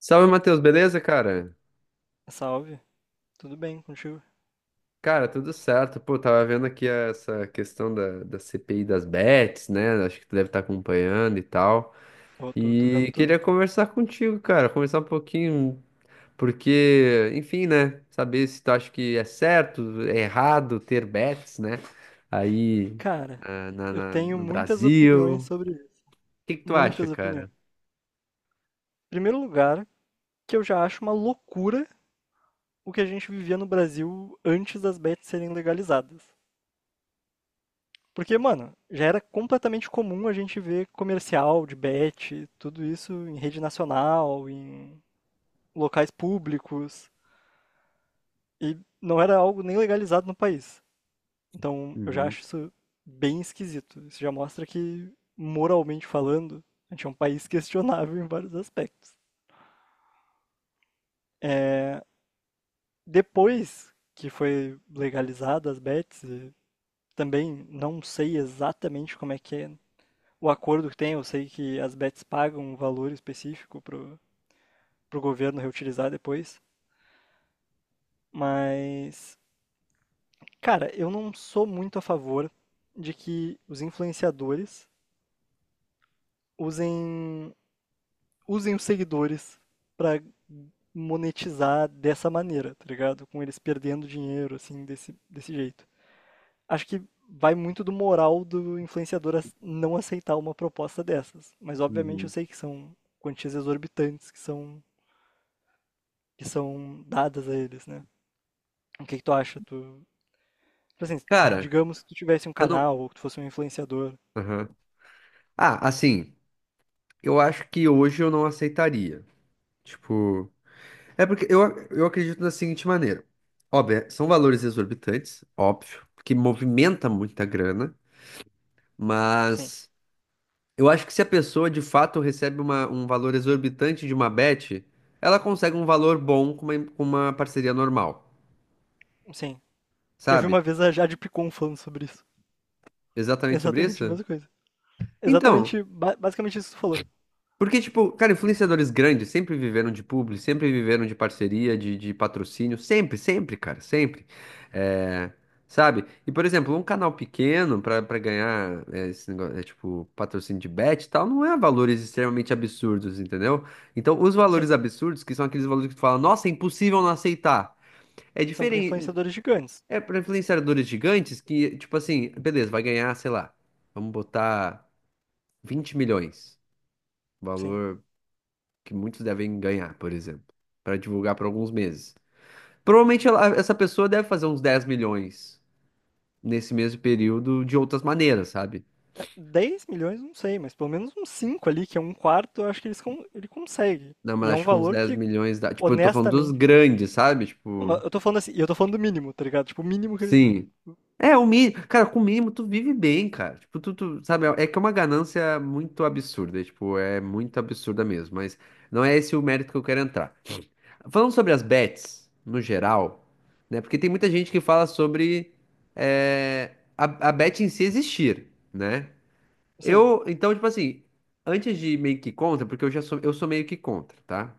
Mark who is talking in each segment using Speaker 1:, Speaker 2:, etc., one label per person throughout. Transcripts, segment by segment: Speaker 1: Salve, Matheus, beleza, cara?
Speaker 2: Salve, tudo bem contigo?
Speaker 1: Cara, tudo certo. Pô, tava vendo aqui essa questão da CPI das bets, né? Acho que tu deve estar acompanhando e tal.
Speaker 2: Eu tô vendo
Speaker 1: E queria
Speaker 2: tudo.
Speaker 1: conversar contigo, cara, conversar um pouquinho, porque, enfim, né? Saber se tu acha que é certo, é errado ter bets, né? Aí,
Speaker 2: Cara, eu tenho
Speaker 1: no
Speaker 2: muitas
Speaker 1: Brasil.
Speaker 2: opiniões
Speaker 1: O
Speaker 2: sobre isso.
Speaker 1: que que tu acha,
Speaker 2: Muitas opiniões.
Speaker 1: cara?
Speaker 2: Em primeiro lugar, que eu já acho uma loucura o que a gente vivia no Brasil antes das bets serem legalizadas. Porque, mano, já era completamente comum a gente ver comercial de bet, tudo isso em rede nacional, em locais públicos, e não era algo nem legalizado no país. Então, eu já
Speaker 1: Uhum,
Speaker 2: acho isso bem esquisito. Isso já mostra que, moralmente falando, a gente é um país questionável em vários aspectos. É, Depois que foi legalizada as bets, e também não sei exatamente como é que é o acordo que tem. Eu sei que as bets pagam um valor específico pro governo reutilizar depois. Mas, cara, eu não sou muito a favor de que os influenciadores usem usem os seguidores para monetizar dessa maneira, tá ligado? Com eles perdendo dinheiro, assim, desse jeito. Acho que vai muito do moral do influenciador ac- não aceitar uma proposta dessas. Mas obviamente eu
Speaker 1: uhum.
Speaker 2: sei que são quantias exorbitantes que são dadas a eles, né? O que que tu acha? Tu, tipo assim,
Speaker 1: Cara,
Speaker 2: digamos que tu tivesse um
Speaker 1: eu não.
Speaker 2: canal ou que tu fosse um influenciador.
Speaker 1: Aham. Ah, assim, eu acho que hoje eu não aceitaria. Tipo. É porque eu acredito da seguinte maneira. Óbvio, são valores exorbitantes, óbvio, que movimenta muita grana,
Speaker 2: Sim,
Speaker 1: mas eu acho que se a pessoa de fato recebe um valor exorbitante de uma bet, ela consegue um valor bom com uma parceria normal,
Speaker 2: sim. Eu vi
Speaker 1: sabe?
Speaker 2: uma vez a Jade Picon falando sobre isso.
Speaker 1: Exatamente sobre
Speaker 2: Exatamente a
Speaker 1: isso?
Speaker 2: mesma coisa.
Speaker 1: Então,
Speaker 2: Exatamente, ba- basicamente isso que tu falou.
Speaker 1: porque, tipo, cara, influenciadores grandes sempre viveram de publi, sempre viveram de parceria, de patrocínio, sempre, sempre, cara, sempre. É, sabe? E, por exemplo, um canal pequeno pra ganhar é, esse negócio, é, tipo, patrocínio de bet e tal, não é valores extremamente absurdos, entendeu? Então, os valores
Speaker 2: Sim.
Speaker 1: absurdos, que são aqueles valores que tu fala, nossa, é impossível não aceitar. É
Speaker 2: São para
Speaker 1: diferente.
Speaker 2: influenciadores gigantes,
Speaker 1: É pra influenciadores gigantes que, tipo assim, beleza, vai ganhar, sei lá, vamos botar 20 milhões.
Speaker 2: sim.
Speaker 1: Valor que muitos devem ganhar, por exemplo, para divulgar por alguns meses. Provavelmente essa pessoa deve fazer uns 10 milhões nesse mesmo período de outras maneiras, sabe?
Speaker 2: É, 10 milhões, não sei, mas pelo menos uns 5 ali, que é um quarto, eu acho que eles con- ele consegue.
Speaker 1: Não, mas
Speaker 2: E é um
Speaker 1: acho que uns
Speaker 2: valor
Speaker 1: 10
Speaker 2: que,
Speaker 1: milhões dá. Tipo, eu tô falando dos
Speaker 2: honestamente.
Speaker 1: grandes, sabe?
Speaker 2: Não,
Speaker 1: Tipo,
Speaker 2: eu tô falando assim, e eu tô falando do mínimo, tá ligado? Tipo, o mínimo que eles.
Speaker 1: sim. É, o mínimo. Cara, com o mínimo tu vive bem, cara. Tipo, sabe? É que é uma ganância muito absurda. Tipo, é muito absurda mesmo. Mas não é esse o mérito que eu quero entrar. Falando sobre as bets, no geral, né? Porque tem muita gente que fala sobre a bet em si existir, né?
Speaker 2: Sim,
Speaker 1: Eu, então, tipo assim, antes de meio que contra, porque eu sou meio que contra, tá?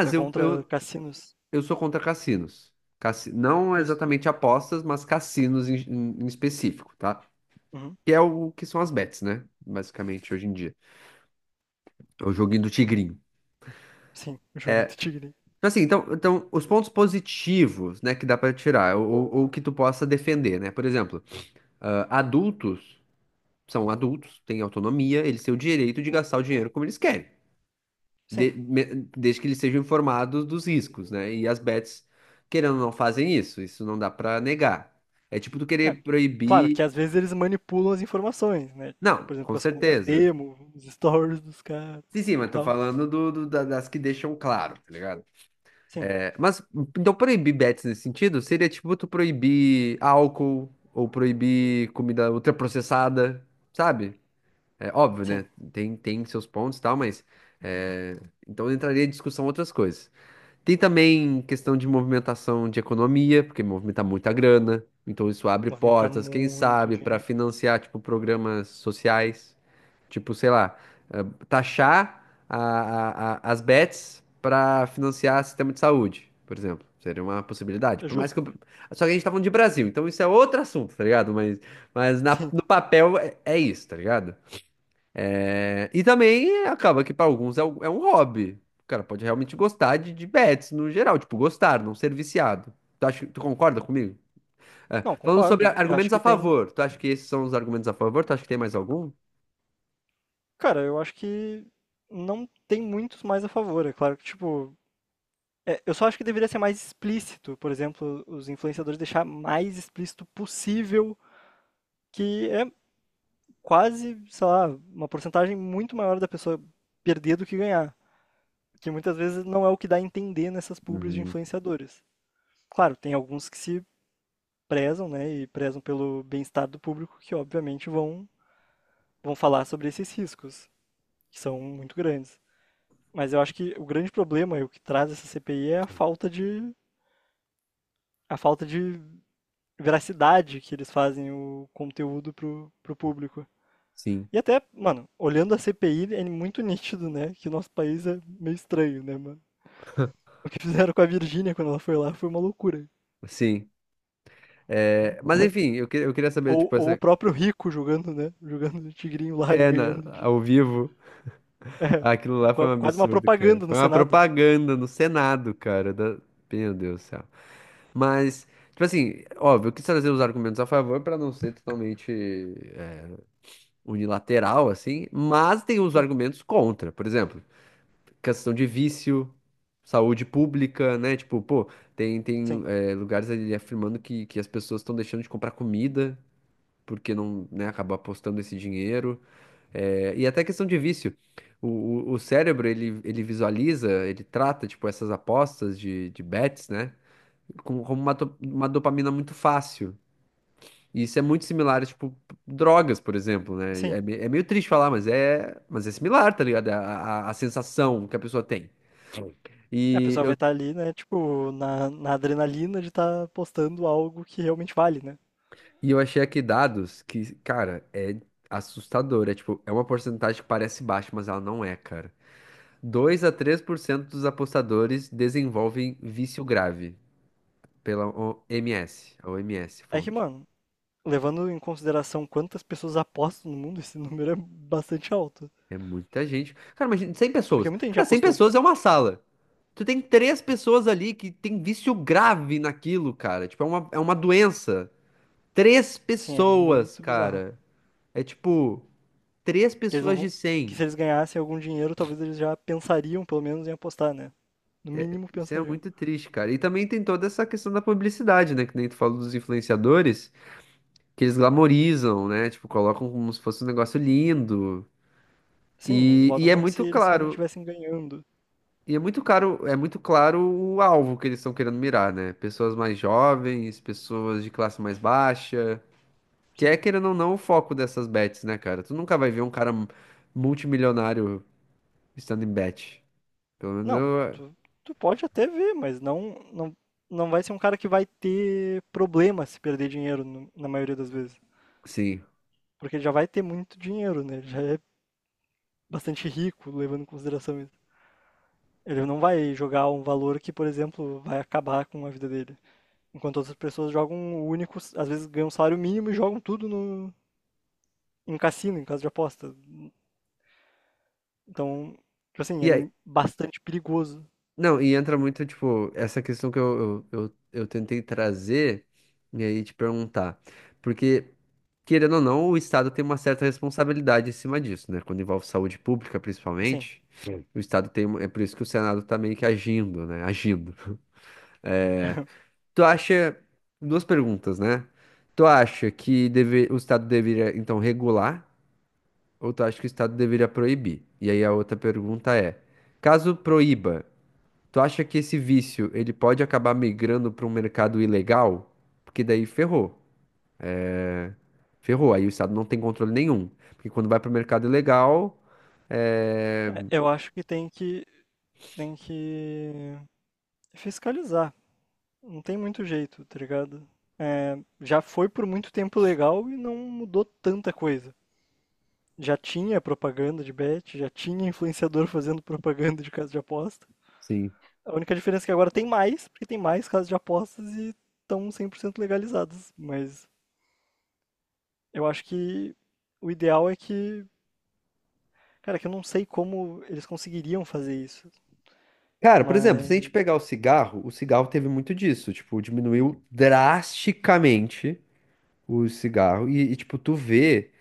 Speaker 2: tá
Speaker 1: eu,
Speaker 2: contra
Speaker 1: eu,
Speaker 2: cassinos.
Speaker 1: eu sou contra cassinos. Não
Speaker 2: Justo.
Speaker 1: exatamente apostas, mas cassinos em específico, tá?
Speaker 2: Uhum.
Speaker 1: Que é o que são as bets, né? Basicamente, hoje em dia. É o joguinho do tigrinho.
Speaker 2: Sim, o jogo Tigre.
Speaker 1: Então, assim, os pontos positivos, né, que dá pra tirar, ou que tu possa defender, né? Por exemplo, adultos são adultos, têm autonomia, eles têm o direito de gastar o dinheiro como eles querem, de-
Speaker 2: Sim.
Speaker 1: me- desde que eles sejam informados dos riscos, né? E as bets, querendo ou não, fazem isso, isso não dá pra negar. É tipo tu
Speaker 2: É,
Speaker 1: querer
Speaker 2: claro que
Speaker 1: proibir.
Speaker 2: às vezes eles manipulam as informações, né?
Speaker 1: Não,
Speaker 2: Por exemplo,
Speaker 1: com
Speaker 2: com as contas
Speaker 1: certeza.
Speaker 2: demo, os stories dos caras
Speaker 1: Sim, sim, mas
Speaker 2: e
Speaker 1: tô
Speaker 2: tal.
Speaker 1: falando das que deixam claro, tá ligado?
Speaker 2: Sim,
Speaker 1: Mas então proibir bets nesse sentido seria tipo tu proibir álcool ou proibir comida ultraprocessada, sabe? É óbvio,
Speaker 2: sim.
Speaker 1: né? Tem seus pontos e tal, mas é, então entraria em discussão outras coisas. Tem também questão de movimentação de economia, porque movimenta muita grana, então isso abre
Speaker 2: Movimentar
Speaker 1: portas, quem
Speaker 2: muito
Speaker 1: sabe, para
Speaker 2: dinheiro.
Speaker 1: financiar tipo programas sociais. Tipo, sei lá, eh, taxar a- as bets para financiar sistema de saúde, por exemplo. Seria uma possibilidade.
Speaker 2: É
Speaker 1: Por mais que
Speaker 2: justo.
Speaker 1: eu... Só que a gente tá falando de Brasil, então isso é outro assunto, tá ligado? Mas,
Speaker 2: Sim.
Speaker 1: no papel é isso, tá ligado? É, e também é, acaba que para alguns é um hobby. O cara pode realmente gostar de bets no geral, tipo, gostar, não ser viciado. Tu concorda comigo? É,
Speaker 2: Não,
Speaker 1: falando sobre
Speaker 2: concordo. Eu acho
Speaker 1: argumentos a
Speaker 2: que tem.
Speaker 1: favor, tu acha que esses são os argumentos a favor? Tu acha que tem mais algum?
Speaker 2: Cara, eu acho que não tem muitos mais a favor. É claro que, tipo. É, eu só acho que deveria ser mais explícito. Por exemplo, os influenciadores deixar mais explícito possível, que é quase, sei lá, uma porcentagem muito maior da pessoa perder do que ganhar. Que muitas vezes não é o que dá a entender nessas publis de
Speaker 1: Uhum,
Speaker 2: influenciadores. Claro, tem alguns que se prezam, né, e prezam pelo bem-estar do público, que obviamente vão, vão falar sobre esses riscos, que são muito grandes. Mas eu acho que o grande problema e o que traz essa CPI é a a falta de veracidade que eles fazem o conteúdo pro público.
Speaker 1: sim.
Speaker 2: E até, mano, olhando a CPI, é muito nítido, né? Que o nosso país é meio estranho, né, mano? O que fizeram com a Virgínia quando ela foi lá foi uma loucura.
Speaker 1: Sim. É, mas enfim, eu queria saber, tipo,
Speaker 2: Ou o
Speaker 1: essa.
Speaker 2: próprio Rico jogando, né? Jogando o tigrinho lá e
Speaker 1: É,
Speaker 2: ganhando
Speaker 1: ao
Speaker 2: dinheiro.
Speaker 1: vivo,
Speaker 2: É,
Speaker 1: aquilo lá foi um
Speaker 2: quase uma
Speaker 1: absurdo, cara.
Speaker 2: propaganda no
Speaker 1: Foi uma
Speaker 2: Senado.
Speaker 1: propaganda no Senado, cara. Meu Deus do céu. Mas, tipo assim, óbvio, eu quis trazer os argumentos a favor pra não ser totalmente é, unilateral, assim, mas tem os
Speaker 2: Sim,
Speaker 1: argumentos contra. Por exemplo, questão de vício, saúde pública, né? Tipo, pô, tem, tem
Speaker 2: sim,
Speaker 1: é, lugares ali afirmando que as pessoas estão deixando de comprar comida porque não, né, acaba apostando esse dinheiro. É, e até questão de vício. O, o cérebro, ele visualiza, ele trata, tipo, essas apostas de bets, né? Como uma dopamina muito fácil. E isso é muito similar, tipo, drogas, por exemplo, né?
Speaker 2: sim.
Speaker 1: É meio triste falar, mas é, similar, tá ligado? É a sensação que a pessoa tem.
Speaker 2: É, a
Speaker 1: E
Speaker 2: pessoa vai
Speaker 1: eu,
Speaker 2: estar ali, né, tipo, na adrenalina de estar apostando algo que realmente vale, né?
Speaker 1: e eu achei aqui dados que, cara, é assustador. É tipo, é uma porcentagem que parece baixa, mas ela não é, cara. 2 a 3% dos apostadores desenvolvem vício grave pela OMS, a OMS,
Speaker 2: É que,
Speaker 1: fonte.
Speaker 2: mano, levando em consideração quantas pessoas apostam no mundo, esse número é bastante alto.
Speaker 1: É muita gente. Cara, imagina 100
Speaker 2: Porque
Speaker 1: pessoas.
Speaker 2: muita gente já
Speaker 1: Cara, cem
Speaker 2: apostou.
Speaker 1: pessoas é uma sala. Tu tem três pessoas ali que tem vício grave naquilo, cara. Tipo, é uma doença. Três
Speaker 2: Assim, é
Speaker 1: pessoas,
Speaker 2: muito bizarro.
Speaker 1: cara. É tipo, três
Speaker 2: Que eles
Speaker 1: pessoas de
Speaker 2: não, que
Speaker 1: 100.
Speaker 2: se eles ganhassem algum dinheiro, talvez eles já pensariam, pelo menos, em apostar, né? No mínimo
Speaker 1: Isso é
Speaker 2: pensariam.
Speaker 1: muito triste, cara. E também tem toda essa questão da publicidade, né? Que nem tu falou dos influenciadores, que eles glamorizam, né? Tipo, colocam como se fosse um negócio lindo.
Speaker 2: Sim, eles
Speaker 1: E
Speaker 2: botam
Speaker 1: é
Speaker 2: como se
Speaker 1: muito
Speaker 2: eles realmente
Speaker 1: claro,
Speaker 2: estivessem ganhando.
Speaker 1: o alvo que eles estão querendo mirar, né? Pessoas mais jovens, pessoas de classe mais baixa, que é,
Speaker 2: Sim.
Speaker 1: querendo ou não, o foco dessas bets, né, cara? Tu nunca vai ver um cara multimilionário estando em bet. Pelo menos
Speaker 2: Não,
Speaker 1: eu,
Speaker 2: tu, tu pode até ver, mas não vai ser um cara que vai ter problema se perder dinheiro no- na maioria das vezes.
Speaker 1: sim.
Speaker 2: Porque ele já vai ter muito dinheiro, né? Ele já é bastante rico, levando em consideração isso. Ele não vai jogar um valor que, por exemplo, vai acabar com a vida dele. Enquanto outras pessoas jogam um único, às vezes ganham um salário mínimo e jogam tudo no, em cassino, em casa de aposta. Então, tipo assim, é
Speaker 1: E aí,
Speaker 2: bastante perigoso.
Speaker 1: não, e entra muito, tipo, essa questão que eu tentei trazer e aí te perguntar. Porque querendo ou não, o Estado tem uma certa responsabilidade em cima disso, né? Quando envolve saúde pública,
Speaker 2: Assim,
Speaker 1: principalmente. Sim. O Estado tem. É por isso que o Senado tá meio que agindo, né? Agindo. É, tu acha. Duas perguntas, né? Tu acha que deve... o Estado deveria, então, regular? Ou tu acha que o Estado deveria proibir? E aí a outra pergunta é: caso proíba, tu acha que esse vício ele pode acabar migrando para um mercado ilegal? Porque daí ferrou. Ferrou. Aí o Estado não tem controle nenhum. Porque quando vai para o mercado ilegal, é...
Speaker 2: é- eu acho tem que fiscalizar. Não tem muito jeito, tá ligado? É, já foi por muito tempo legal e não mudou tanta coisa. Já tinha propaganda de bet, já tinha influenciador fazendo propaganda de casa de aposta.
Speaker 1: Sim.
Speaker 2: A única diferença é que agora tem mais, porque tem mais casas de apostas e estão 100% legalizadas. Mas eu acho que o ideal é que. Cara, que eu não sei como eles conseguiriam fazer isso.
Speaker 1: Cara, por exemplo, se a gente
Speaker 2: Mas,
Speaker 1: pegar o cigarro teve muito disso. Tipo, diminuiu drasticamente o cigarro. E, tipo, tu vê,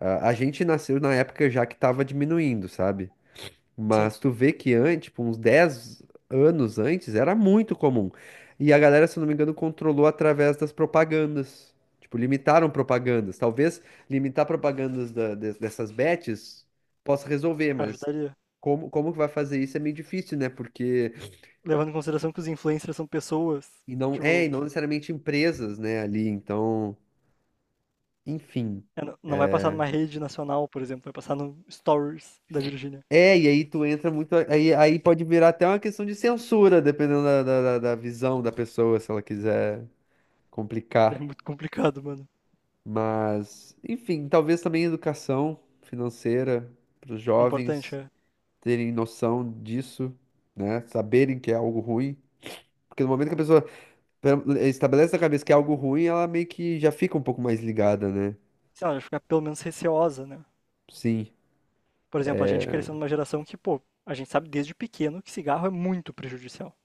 Speaker 1: a gente nasceu na época já que tava diminuindo, sabe?
Speaker 2: sim,
Speaker 1: Mas tu vê que antes, tipo, uns 10 anos antes, era muito comum. E a galera, se eu não me engano, controlou através das propagandas. Tipo, limitaram propagandas. Talvez limitar propagandas dessas bets possa resolver, mas
Speaker 2: ajudaria.
Speaker 1: como que vai fazer isso é meio difícil, né? Porque.
Speaker 2: Levando em consideração que os influencers são pessoas,
Speaker 1: E não, é, e
Speaker 2: tipo,
Speaker 1: não necessariamente empresas, né, ali. Então, enfim.
Speaker 2: é, não vai passar numa rede nacional, por exemplo, vai passar no Stories da Virgínia.
Speaker 1: É, e aí tu entra muito. Aí, pode virar até uma questão de censura, dependendo da visão da pessoa, se ela quiser
Speaker 2: É
Speaker 1: complicar.
Speaker 2: muito complicado, mano.
Speaker 1: Mas, enfim, talvez também educação financeira para os
Speaker 2: O importante
Speaker 1: jovens
Speaker 2: é,
Speaker 1: terem noção disso, né? Saberem que é algo ruim. Porque no momento que a pessoa estabelece na cabeça que é algo ruim, ela meio que já fica um pouco mais ligada, né?
Speaker 2: sei lá, ficar pelo menos receosa, né?
Speaker 1: Sim.
Speaker 2: Por exemplo, a gente cresceu numa geração que, pô, a gente sabe desde pequeno que cigarro é muito prejudicial.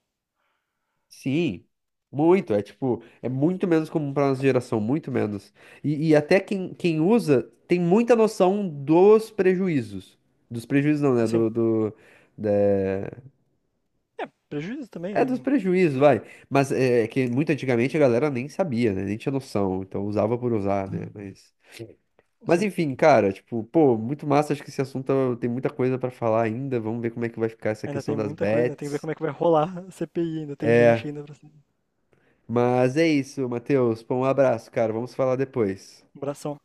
Speaker 1: Sim. Muito. É tipo, é muito menos comum para nossa geração, muito menos. E até quem usa tem muita noção dos prejuízos. Dos prejuízos não, né?
Speaker 2: Assim,
Speaker 1: Da-
Speaker 2: é, prejuízo
Speaker 1: É
Speaker 2: também,
Speaker 1: dos
Speaker 2: é,
Speaker 1: prejuízos, vai. Mas é que muito antigamente a galera nem sabia, né? Nem tinha noção. Então usava por usar, né? Mas,
Speaker 2: assim,
Speaker 1: enfim, cara, tipo, pô, muito massa. Acho que esse assunto tem muita coisa pra falar ainda. Vamos ver como é que vai ficar essa
Speaker 2: ainda tem
Speaker 1: questão das
Speaker 2: muita coisa, né? Tem que ver
Speaker 1: bets.
Speaker 2: como é que vai rolar a CPI, ainda tem gente
Speaker 1: É,
Speaker 2: ainda pra se
Speaker 1: Mas é isso, Matheus. Pô, um abraço, cara. Vamos falar depois.
Speaker 2: abração.